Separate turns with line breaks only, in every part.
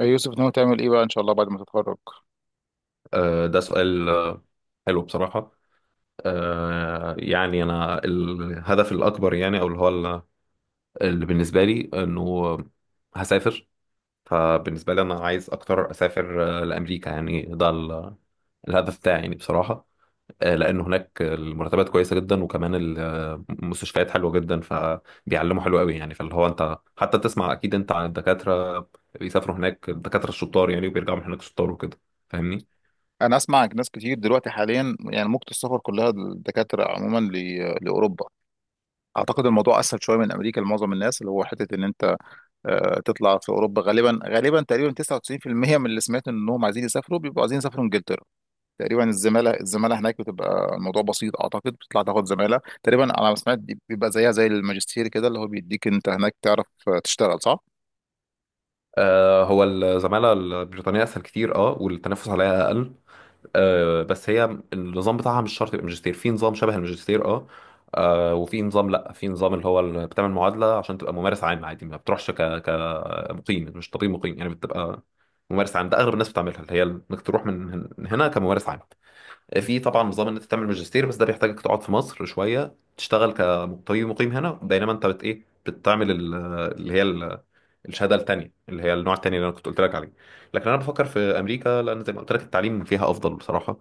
يوسف ناوي تعمل ايه بقى ان شاء الله بعد ما تتخرج؟
ده سؤال حلو بصراحة. يعني أنا الهدف الأكبر يعني أو اللي بالنسبة لي إنه هسافر. فبالنسبة لي أنا عايز أكتر أسافر لأمريكا، يعني الهدف بتاعي يعني بصراحة. لأن هناك المرتبات كويسة جدا، وكمان المستشفيات حلوة جدا، فبيعلموا حلو قوي يعني. فاللي هو أنت حتى تسمع أكيد أنت عن الدكاترة بيسافروا هناك، الدكاترة الشطار يعني وبيرجعوا من هناك شطار وكده. فاهمني؟
انا اسمع ناس كتير دلوقتي حاليا، يعني موجة السفر كلها الدكاترة عموما لاوروبا. اعتقد الموضوع اسهل شويه من امريكا لمعظم الناس، اللي هو حته ان انت تطلع في اوروبا غالبا غالبا تقريبا 99% من اللي سمعت انهم عايزين يسافروا بيبقوا عايزين يسافروا انجلترا. تقريبا الزماله هناك بتبقى الموضوع بسيط، اعتقد بتطلع تاخد زماله تقريبا على ما سمعت. بيبقى زيها زي الماجستير كده، اللي هو بيديك انت هناك تعرف تشتغل، صح؟
هو الزمالة البريطانية أسهل كتير أه، والتنافس عليها أقل أه. بس هي النظام بتاعها مش شرط يبقى ماجستير، في نظام شبه الماجستير أه. وفي نظام، لأ، في نظام بتعمل معادلة عشان تبقى ممارس عام عادي، ما بتروحش كمقيم، مش طبيب مقيم يعني، بتبقى ممارس عام. ده أغلب الناس بتعملها، اللي هي إنك تروح من هنا كممارس عام. في طبعا نظام إن أنت تعمل ماجستير، بس ده بيحتاجك تقعد في مصر شوية تشتغل كطبيب مقيم هنا، بينما أنت بت إيه، بتعمل اللي هي الشهاده التانيه، اللي هي النوع التاني اللي انا كنت قلت لك عليه. لكن انا بفكر في امريكا، لان زي ما قلت لك التعليم فيها افضل بصراحه.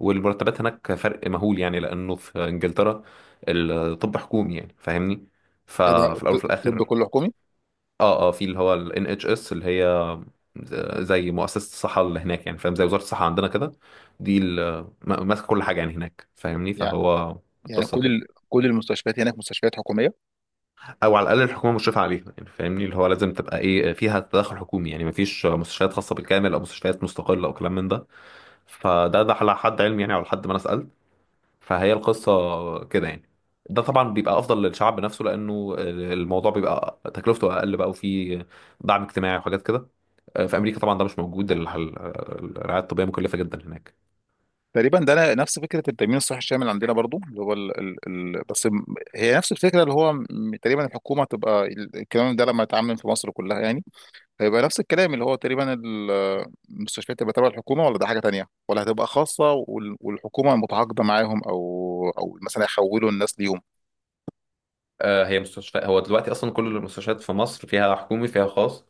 والمرتبات هناك فرق مهول يعني، لانه في انجلترا الطب حكومي يعني، فاهمني؟
ايه ده
ففي الاول وفي
الطب
الاخر
كله حكومي؟
اه اه في اللي هو ال NHS، اللي هي زي مؤسسه الصحه اللي هناك يعني، فاهم؟ زي وزاره الصحه عندنا كده. دي ماسكه كل حاجه يعني هناك، فاهمني؟ فهو
يعني
قصه كده،
كل المستشفيات هناك مستشفيات حكوميه
او على الاقل الحكومه مشرفه عليها يعني، فاهمني؟ اللي هو لازم تبقى ايه فيها، تدخل حكومي، يعني مفيش مستشفيات خاصه بالكامل او مستشفيات مستقله او كلام من ده. فده على حد علمي يعني، على حد ما انا سالت. فهي القصه كده يعني. ده طبعا بيبقى افضل للشعب نفسه، لانه الموضوع بيبقى تكلفته اقل بقى، وفيه دعم اجتماعي وحاجات كده. في امريكا طبعا ده مش موجود، الرعايه الطبيه مكلفه جدا هناك.
تقريبا؟ ده نفس فكره التامين الصحي الشامل عندنا برضو، اللي هو ال... بس م- هي نفس الفكره، تقريبا الحكومه تبقى الكلام ده لما يتعمم في مصر كلها يعني، هيبقى نفس الكلام اللي هو تقريبا المستشفيات تبقى تبع الحكومه، ولا ده حاجه تانيه، ولا هتبقى خاصه والحكومه متعاقده معاهم، او مثلا يحولوا الناس ليهم.
هي مستشفى، هو دلوقتي اصلا كل المستشفيات في مصر فيها حكومي فيها خاص.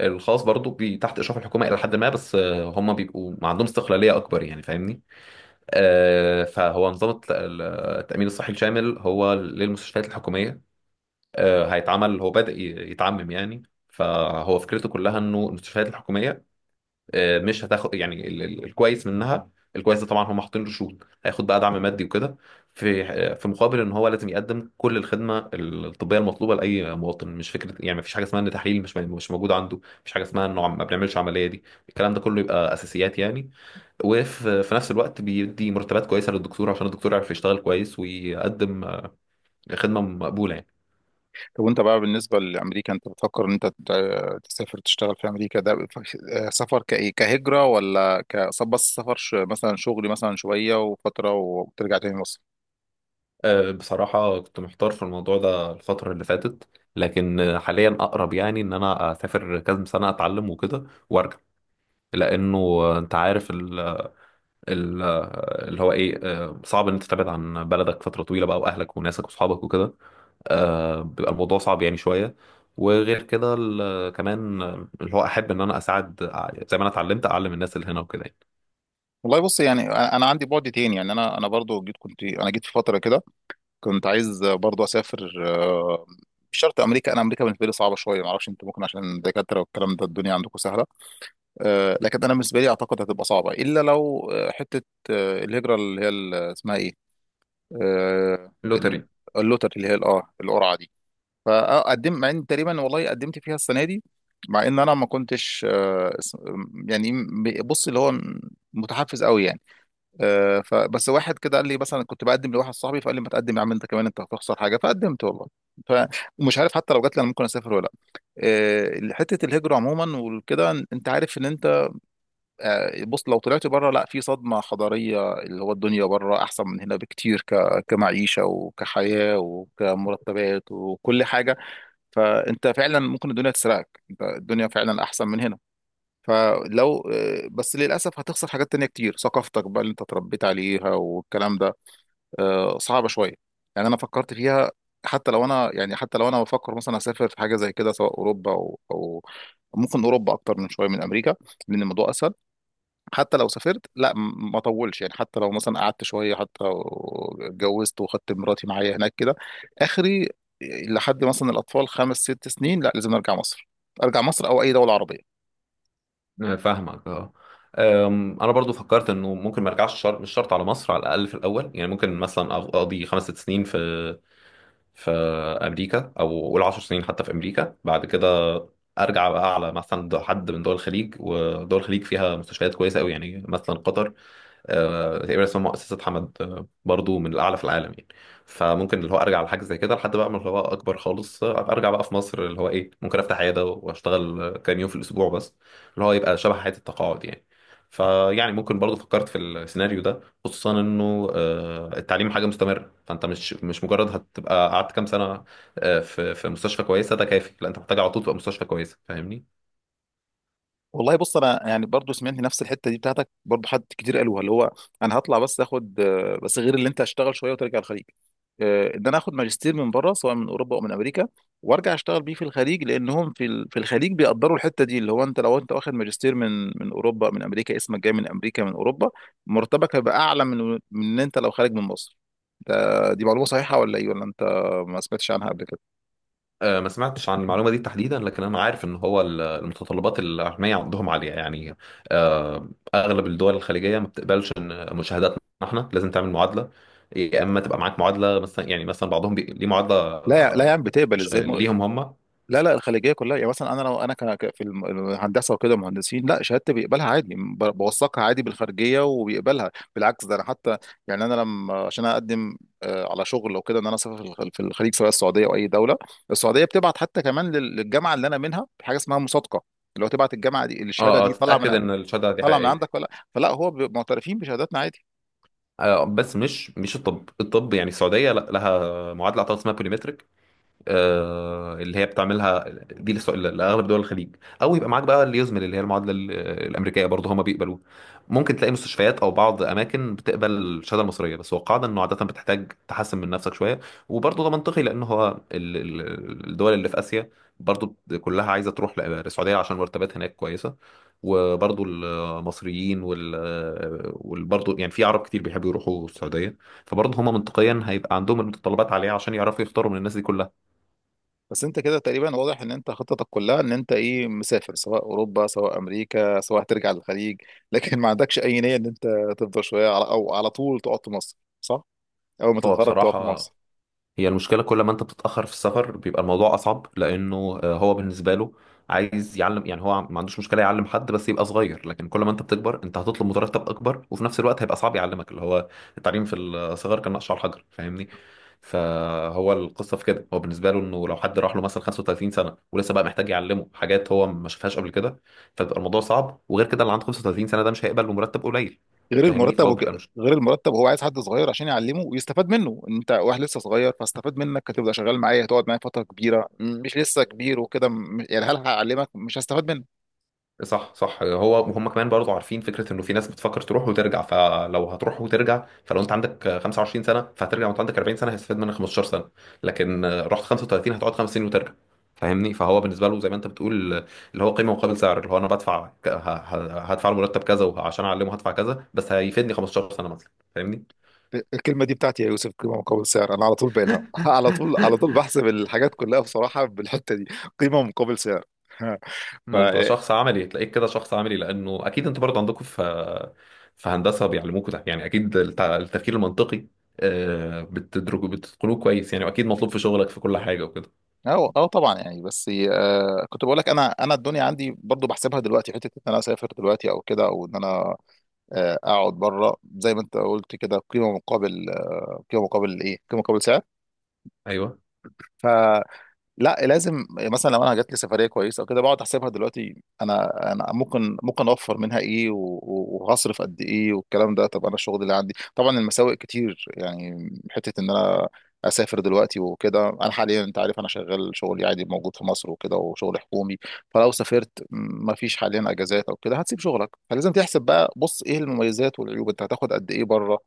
الخاص برضو بي تحت اشراف الحكومه الى حد ما، بس هم بيبقوا ما عندهم استقلاليه اكبر يعني، فاهمني؟ فهو نظام التامين الصحي الشامل هو للمستشفيات الحكوميه. هيتعمل هو بادئ يتعمم يعني. فهو فكرته كلها انه المستشفيات الحكوميه، مش هتاخد يعني الكويس منها. الكويس ده طبعا هم حاطين له شروط، هياخد بقى دعم مادي وكده في مقابل ان هو لازم يقدم كل الخدمه الطبيه المطلوبه لاي مواطن. مش فكره يعني مفيش حاجه اسمها ان تحليل مش موجود عنده، مفيش حاجه اسمها انه ما بنعملش عمليه دي. الكلام ده كله يبقى اساسيات يعني. وفي نفس الوقت بيدي مرتبات كويسه للدكتور، عشان الدكتور يعرف يشتغل كويس ويقدم خدمه مقبوله يعني.
طب وانت بقى بالنسبة لأمريكا، انت بتفكر ان انت تسافر تشتغل في أمريكا ده، سفر كإيه، كهجرة ولا بس سفر، مثلا شغل، مثلا شوية وفترة وترجع تاني مصر؟
بصراحة كنت محتار في الموضوع ده الفترة اللي فاتت، لكن حاليا أقرب يعني إن أنا أسافر كذا سنة أتعلم وكده وأرجع. لأنه أنت عارف ال ال اللي هو إيه آه، صعب إن أنت تبعد عن بلدك فترة طويلة بقى، وأهلك وناسك وأصحابك وكده. بيبقى الموضوع صعب يعني شوية. وغير كده كمان اللي هو أحب إن أنا أساعد، زي ما أنا اتعلمت أعلم الناس اللي هنا وكده يعني.
والله بص، يعني انا عندي بعد تاني، يعني انا برضو جيت، كنت انا جيت في فترة كده كنت عايز برضو اسافر، مش شرط امريكا، انا امريكا بالنسبه لي صعبه شويه، ما اعرفش انت ممكن عشان دكاتره والكلام ده الدنيا عندكم سهله. لكن انا بالنسبه لي اعتقد هتبقى صعبه الا لو حته، الهجره اللي هي اسمها ايه، آه، ال-
لوتري.
اللوتر اللي هي الاه القرعه دي. فقدمت، مع ان تقريبا والله قدمت فيها السنه دي، مع ان انا ما كنتش يعني بص، اللي هو متحفز قوي يعني. فبس واحد كده قال لي، مثلا كنت بقدم لواحد صاحبي فقال لي، ما تقدم يا عم انت كمان، انت هتخسر حاجه؟ فقدمت والله. فمش عارف حتى لو جات لي انا ممكن اسافر ولا لا. حته الهجره عموما وكده، انت عارف ان انت، بص لو طلعت بره، لا، في صدمة حضارية، اللي هو الدنيا بره أحسن من هنا بكتير، كمعيشة وكحياة وكمرتبات وكل حاجة. فأنت فعلا ممكن الدنيا تسرقك، أنت الدنيا فعلا أحسن من هنا. فلو بس للأسف هتخسر حاجات تانية كتير، ثقافتك بقى اللي أنت اتربيت عليها والكلام ده، صعبة شوية. يعني أنا فكرت فيها، حتى لو أنا، يعني حتى لو أنا بفكر مثلا أسافر في حاجة زي كده سواء أوروبا أو ممكن أوروبا أكتر من شوية من أمريكا لأن الموضوع أسهل. حتى لو سافرت لا ما اطولش، يعني حتى لو مثلا قعدت شويه، حتى لو اتجوزت وخدت مراتي معايا هناك كده اخري، لحد مثلا الاطفال خمس ست سنين، لا لازم ارجع مصر، ارجع مصر او اي دوله عربيه.
فاهمك اه. انا برضو فكرت انه ممكن ما ارجعش، شرط مش شرط على مصر، على الاقل في الاول يعني. ممكن مثلا اقضي خمس ست سنين في في امريكا، او اقول 10 سنين حتى في امريكا. بعد كده ارجع بقى على مثلا حد من دول الخليج، ودول الخليج فيها مستشفيات كويسه قوي يعني، مثلا قطر تقريبا اسمها مؤسسة حمد، برضو من الأعلى في العالم يعني. فممكن اللي هو أرجع لحاجة زي كده، لحد بقى ما اللي هو أكبر خالص أبقى أرجع بقى في مصر، اللي هو إيه، ممكن أفتح عيادة وأشتغل كام يوم في الأسبوع بس، اللي هو يبقى شبه حياة التقاعد يعني. فيعني ممكن برضو فكرت في السيناريو ده، خصوصا إنه التعليم حاجة مستمرة، فأنت مش مجرد هتبقى قعدت كام سنة في مستشفى كويسة ده كافي. لا، أنت محتاج على طول تبقى مستشفى كويسة، فاهمني؟
والله بص انا، يعني برضو سمعت نفس الحته دي بتاعتك، برضو حد كتير قالوها، اللي هو انا هطلع بس اخد، بس غير اللي انت هشتغل شويه وترجع الخليج، ان انا اخد ماجستير من بره سواء من اوروبا او من امريكا، وارجع اشتغل بيه في الخليج، لانهم في في الخليج بيقدروا الحته دي، اللي هو انت لو انت واخد ماجستير من اوروبا من امريكا، اسمك جاي من امريكا من اوروبا، مرتبك هيبقى اعلى من ان انت لو خارج من مصر. دي معلومه صحيحه ولا ايه، ولا انت ما سمعتش عنها قبل كده؟
ما سمعتش عن المعلومة دي تحديدا، لكن أنا عارف إن هو المتطلبات العلمية عندهم عالية يعني. آه، أغلب الدول الخليجية ما بتقبلش، إن مشاهداتنا إحنا لازم تعمل معادلة. يا إما تبقى معاك معادلة مثلا، يعني مثلا بعضهم بي... ليه معادلة
لا لا يا عم، بتقبل ازاي؟
ليهم هم اه.
لا لا، الخليجيه كلها يعني، مثلا انا لو انا في الهندسه وكده مهندسين، لا شهادتي بيقبلها عادي، بوثقها عادي بالخارجيه وبيقبلها، بالعكس ده انا حتى، يعني انا لما عشان اقدم على شغل او كده، ان انا اسافر في في الخليج سواء السعوديه او اي دوله، السعوديه بتبعت حتى كمان للجامعه اللي انا منها حاجه اسمها مصادقه، اللي هو تبعت الجامعه دي الشهاده
اه،
دي طالعه
تتأكد
من
إن الشهادة دي
طالعه من
حقيقية.
عندك ولا، فلا هو بيبقوا معترفين بشهاداتنا عادي.
بس مش الطب، الطب يعني السعودية لا، لها معادلة أعتقد اسمها بوليمتريك، اللي هي بتعملها. دي لاغلب دول الخليج. او يبقى معاك بقى اليوزمل، اللي هي المعادله الامريكيه، برضه هما بيقبلوه. ممكن تلاقي مستشفيات او بعض اماكن بتقبل الشهاده المصريه، بس هو قاعده انه عاده بتحتاج تحسن من نفسك شويه. وبرضه ده منطقي، لان هو الدول اللي في اسيا برضه كلها عايزه تروح للسعوديه، عشان مرتبات هناك كويسه. وبرضه المصريين وال وبرضه يعني في عرب كتير بيحبوا يروحوا السعوديه، فبرضه هما منطقيا هيبقى عندهم المتطلبات عليها عشان يعرفوا يختاروا من الناس دي كلها.
بس انت كده تقريبا واضح ان انت خطتك كلها ان انت ايه، مسافر سواء اوروبا سواء امريكا سواء هترجع للخليج لكن ما عندكش اي نية ان انت تفضل شوية على طول تقعد في مصر، صح؟ اول ما
هو
تتخرج تقعد في
بصراحة،
مصر.
هي المشكلة كل ما انت بتتأخر في السفر بيبقى الموضوع أصعب، لأنه هو بالنسبة له عايز يعلم يعني، هو ما عندوش مشكلة يعلم حد بس يبقى صغير. لكن كل ما انت بتكبر انت هتطلب مرتب أكبر، وفي نفس الوقت هيبقى صعب يعلمك، اللي هو التعليم في الصغر كان نقش على الحجر، فاهمني؟ فهو القصة في كده، هو بالنسبة له انه لو حد راح له مثلا 35 سنة ولسه بقى محتاج يعلمه حاجات هو ما شافهاش قبل كده، فبيبقى الموضوع صعب. وغير كده اللي عنده 35 سنة ده مش هيقبل بمرتب قليل،
غير
فاهمني؟
المرتب
فهو
وك...
بيبقى
غير المرتب هو عايز حد صغير عشان يعلمه ويستفاد منه، انت واحد لسه صغير فاستفاد منك، هتبقى شغال معايا، هتقعد معايا فترة كبيرة، مش لسه كبير وكده، يعني هل هعلمك مش هستفاد منك؟
صح صح. هو وهم كمان برضو عارفين فكره انه في ناس بتفكر تروح وترجع، فلو هتروح وترجع فلو انت عندك 25 سنه فهترجع وانت عندك 40 سنه، هيستفاد منك 15 سنه، لكن رحت 35 هتقعد خمس سنين وترجع. فاهمني؟ فهو بالنسبه له زي ما انت بتقول، اللي هو قيمه مقابل سعر، اللي هو انا بدفع هدفع له مرتب كذا وعشان اعلمه هدفع كذا، بس هيفيدني 15 سنه مثلا. فاهمني؟
الكلمة دي بتاعتي يا يوسف، قيمة مقابل سعر، أنا على طول بالها على طول على طول بحسب الحاجات كلها بصراحة بالحتة دي، قيمة مقابل سعر. ف
ما انت شخص عملي، تلاقيك كده شخص عملي، لانه اكيد انت برضه عندكم في هندسه بيعلموكوا ده يعني، اكيد التفكير المنطقي بتدرجوا بتتقنوه كويس يعني، واكيد مطلوب في شغلك في كل حاجه وكده.
أو طبعا، يعني بس كنت بقول لك، أنا الدنيا عندي برضو بحسبها دلوقتي، حتة إن أنا أسافر دلوقتي أو كده، أو إن أنا أقعد بره زي ما أنت قلت كده، قيمة مقابل آه قيمة مقابل إيه قيمة مقابل
ايوه،
سعر. لا لازم، مثلا لو انا جات لي سفريه كويسه او كده، بقعد احسبها دلوقتي، انا ممكن اوفر منها ايه وهصرف قد ايه والكلام ده. طب انا الشغل اللي عندي طبعا المساوئ كتير، يعني حته ان انا اسافر دلوقتي وكده، انا حاليا انت عارف انا شغال شغلي عادي موجود في مصر وكده، وشغل حكومي، فلو سافرت ما فيش حاليا اجازات او كده، هتسيب شغلك، فلازم تحسب بقى، بص ايه المميزات والعيوب، انت هتاخد قد ايه بره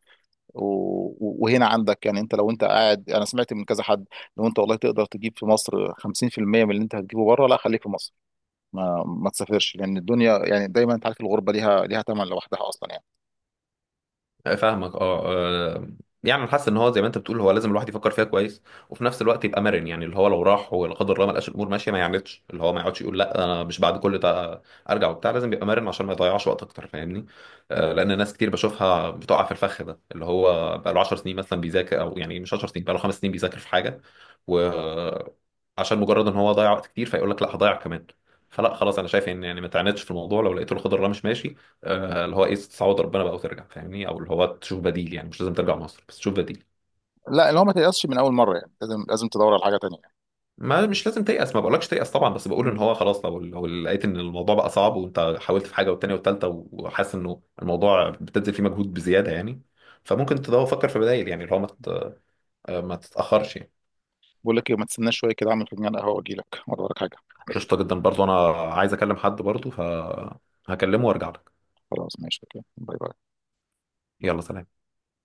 و- وهنا عندك، يعني انت لو انت قاعد. انا سمعت من كذا حد، لو انت والله تقدر تجيب في مصر 50% من اللي انت هتجيبه بره، لا خليك في مصر، ما تسافرش، لان الدنيا يعني دايما انت عارف الغربه ليها ثمن لوحدها اصلا يعني.
فاهمك اه. آه، يعني أنا حاسس ان هو زي ما انت بتقول، هو لازم الواحد يفكر فيها كويس، وفي نفس الوقت يبقى مرن يعني. اللي هو لو راح ولا قدر الله ما لقاش الامور ماشيه ما يعاندش، اللي هو ما يقعدش يقول لا انا مش بعد كل ده ارجع وبتاع، لازم يبقى مرن عشان ما يضيعش وقت اكتر، فاهمني؟ لان ناس كتير بشوفها بتقع في الفخ ده، اللي هو بقى له 10 سنين مثلا بيذاكر، او يعني مش 10 سنين، بقى له 5 سنين بيذاكر في حاجه، و عشان مجرد ان هو ضيع وقت كتير فيقول لك لا هضيع كمان. فلا خلاص، انا شايف ان يعني ما تعاندش في الموضوع، لو لقيته الخضر ده مش ماشي اللي هو ايه، تستعوض ربنا بقى وترجع، فاهمني؟ او اللي هو تشوف بديل يعني، مش لازم ترجع مصر بس تشوف بديل.
لا، اللي هو ما تيأسش من اول مره، يعني لازم لازم تدور على حاجه تانيه
ما مش لازم تيأس، ما بقولكش تيأس طبعا، بس بقول ان
يعني.
هو خلاص، لو لو لقيت ان الموضوع بقى صعب وانت حاولت في حاجه والتانيه والتالته، وحاسس انه الموضوع بتبذل فيه مجهود بزياده يعني، فممكن تدور، فكر في بدائل يعني، اللي هو ما تتأخرش يعني.
بقول لك ايه، ما تستناش شويه كده، اعمل فنجان قهوه واجي لك، ولا وراك حاجه؟
قشطه جدا، برضو انا عايز اكلم حد برضو فهكلمه وارجع لك.
خلاص ماشي، اوكي، باي باي.
يلا سلام.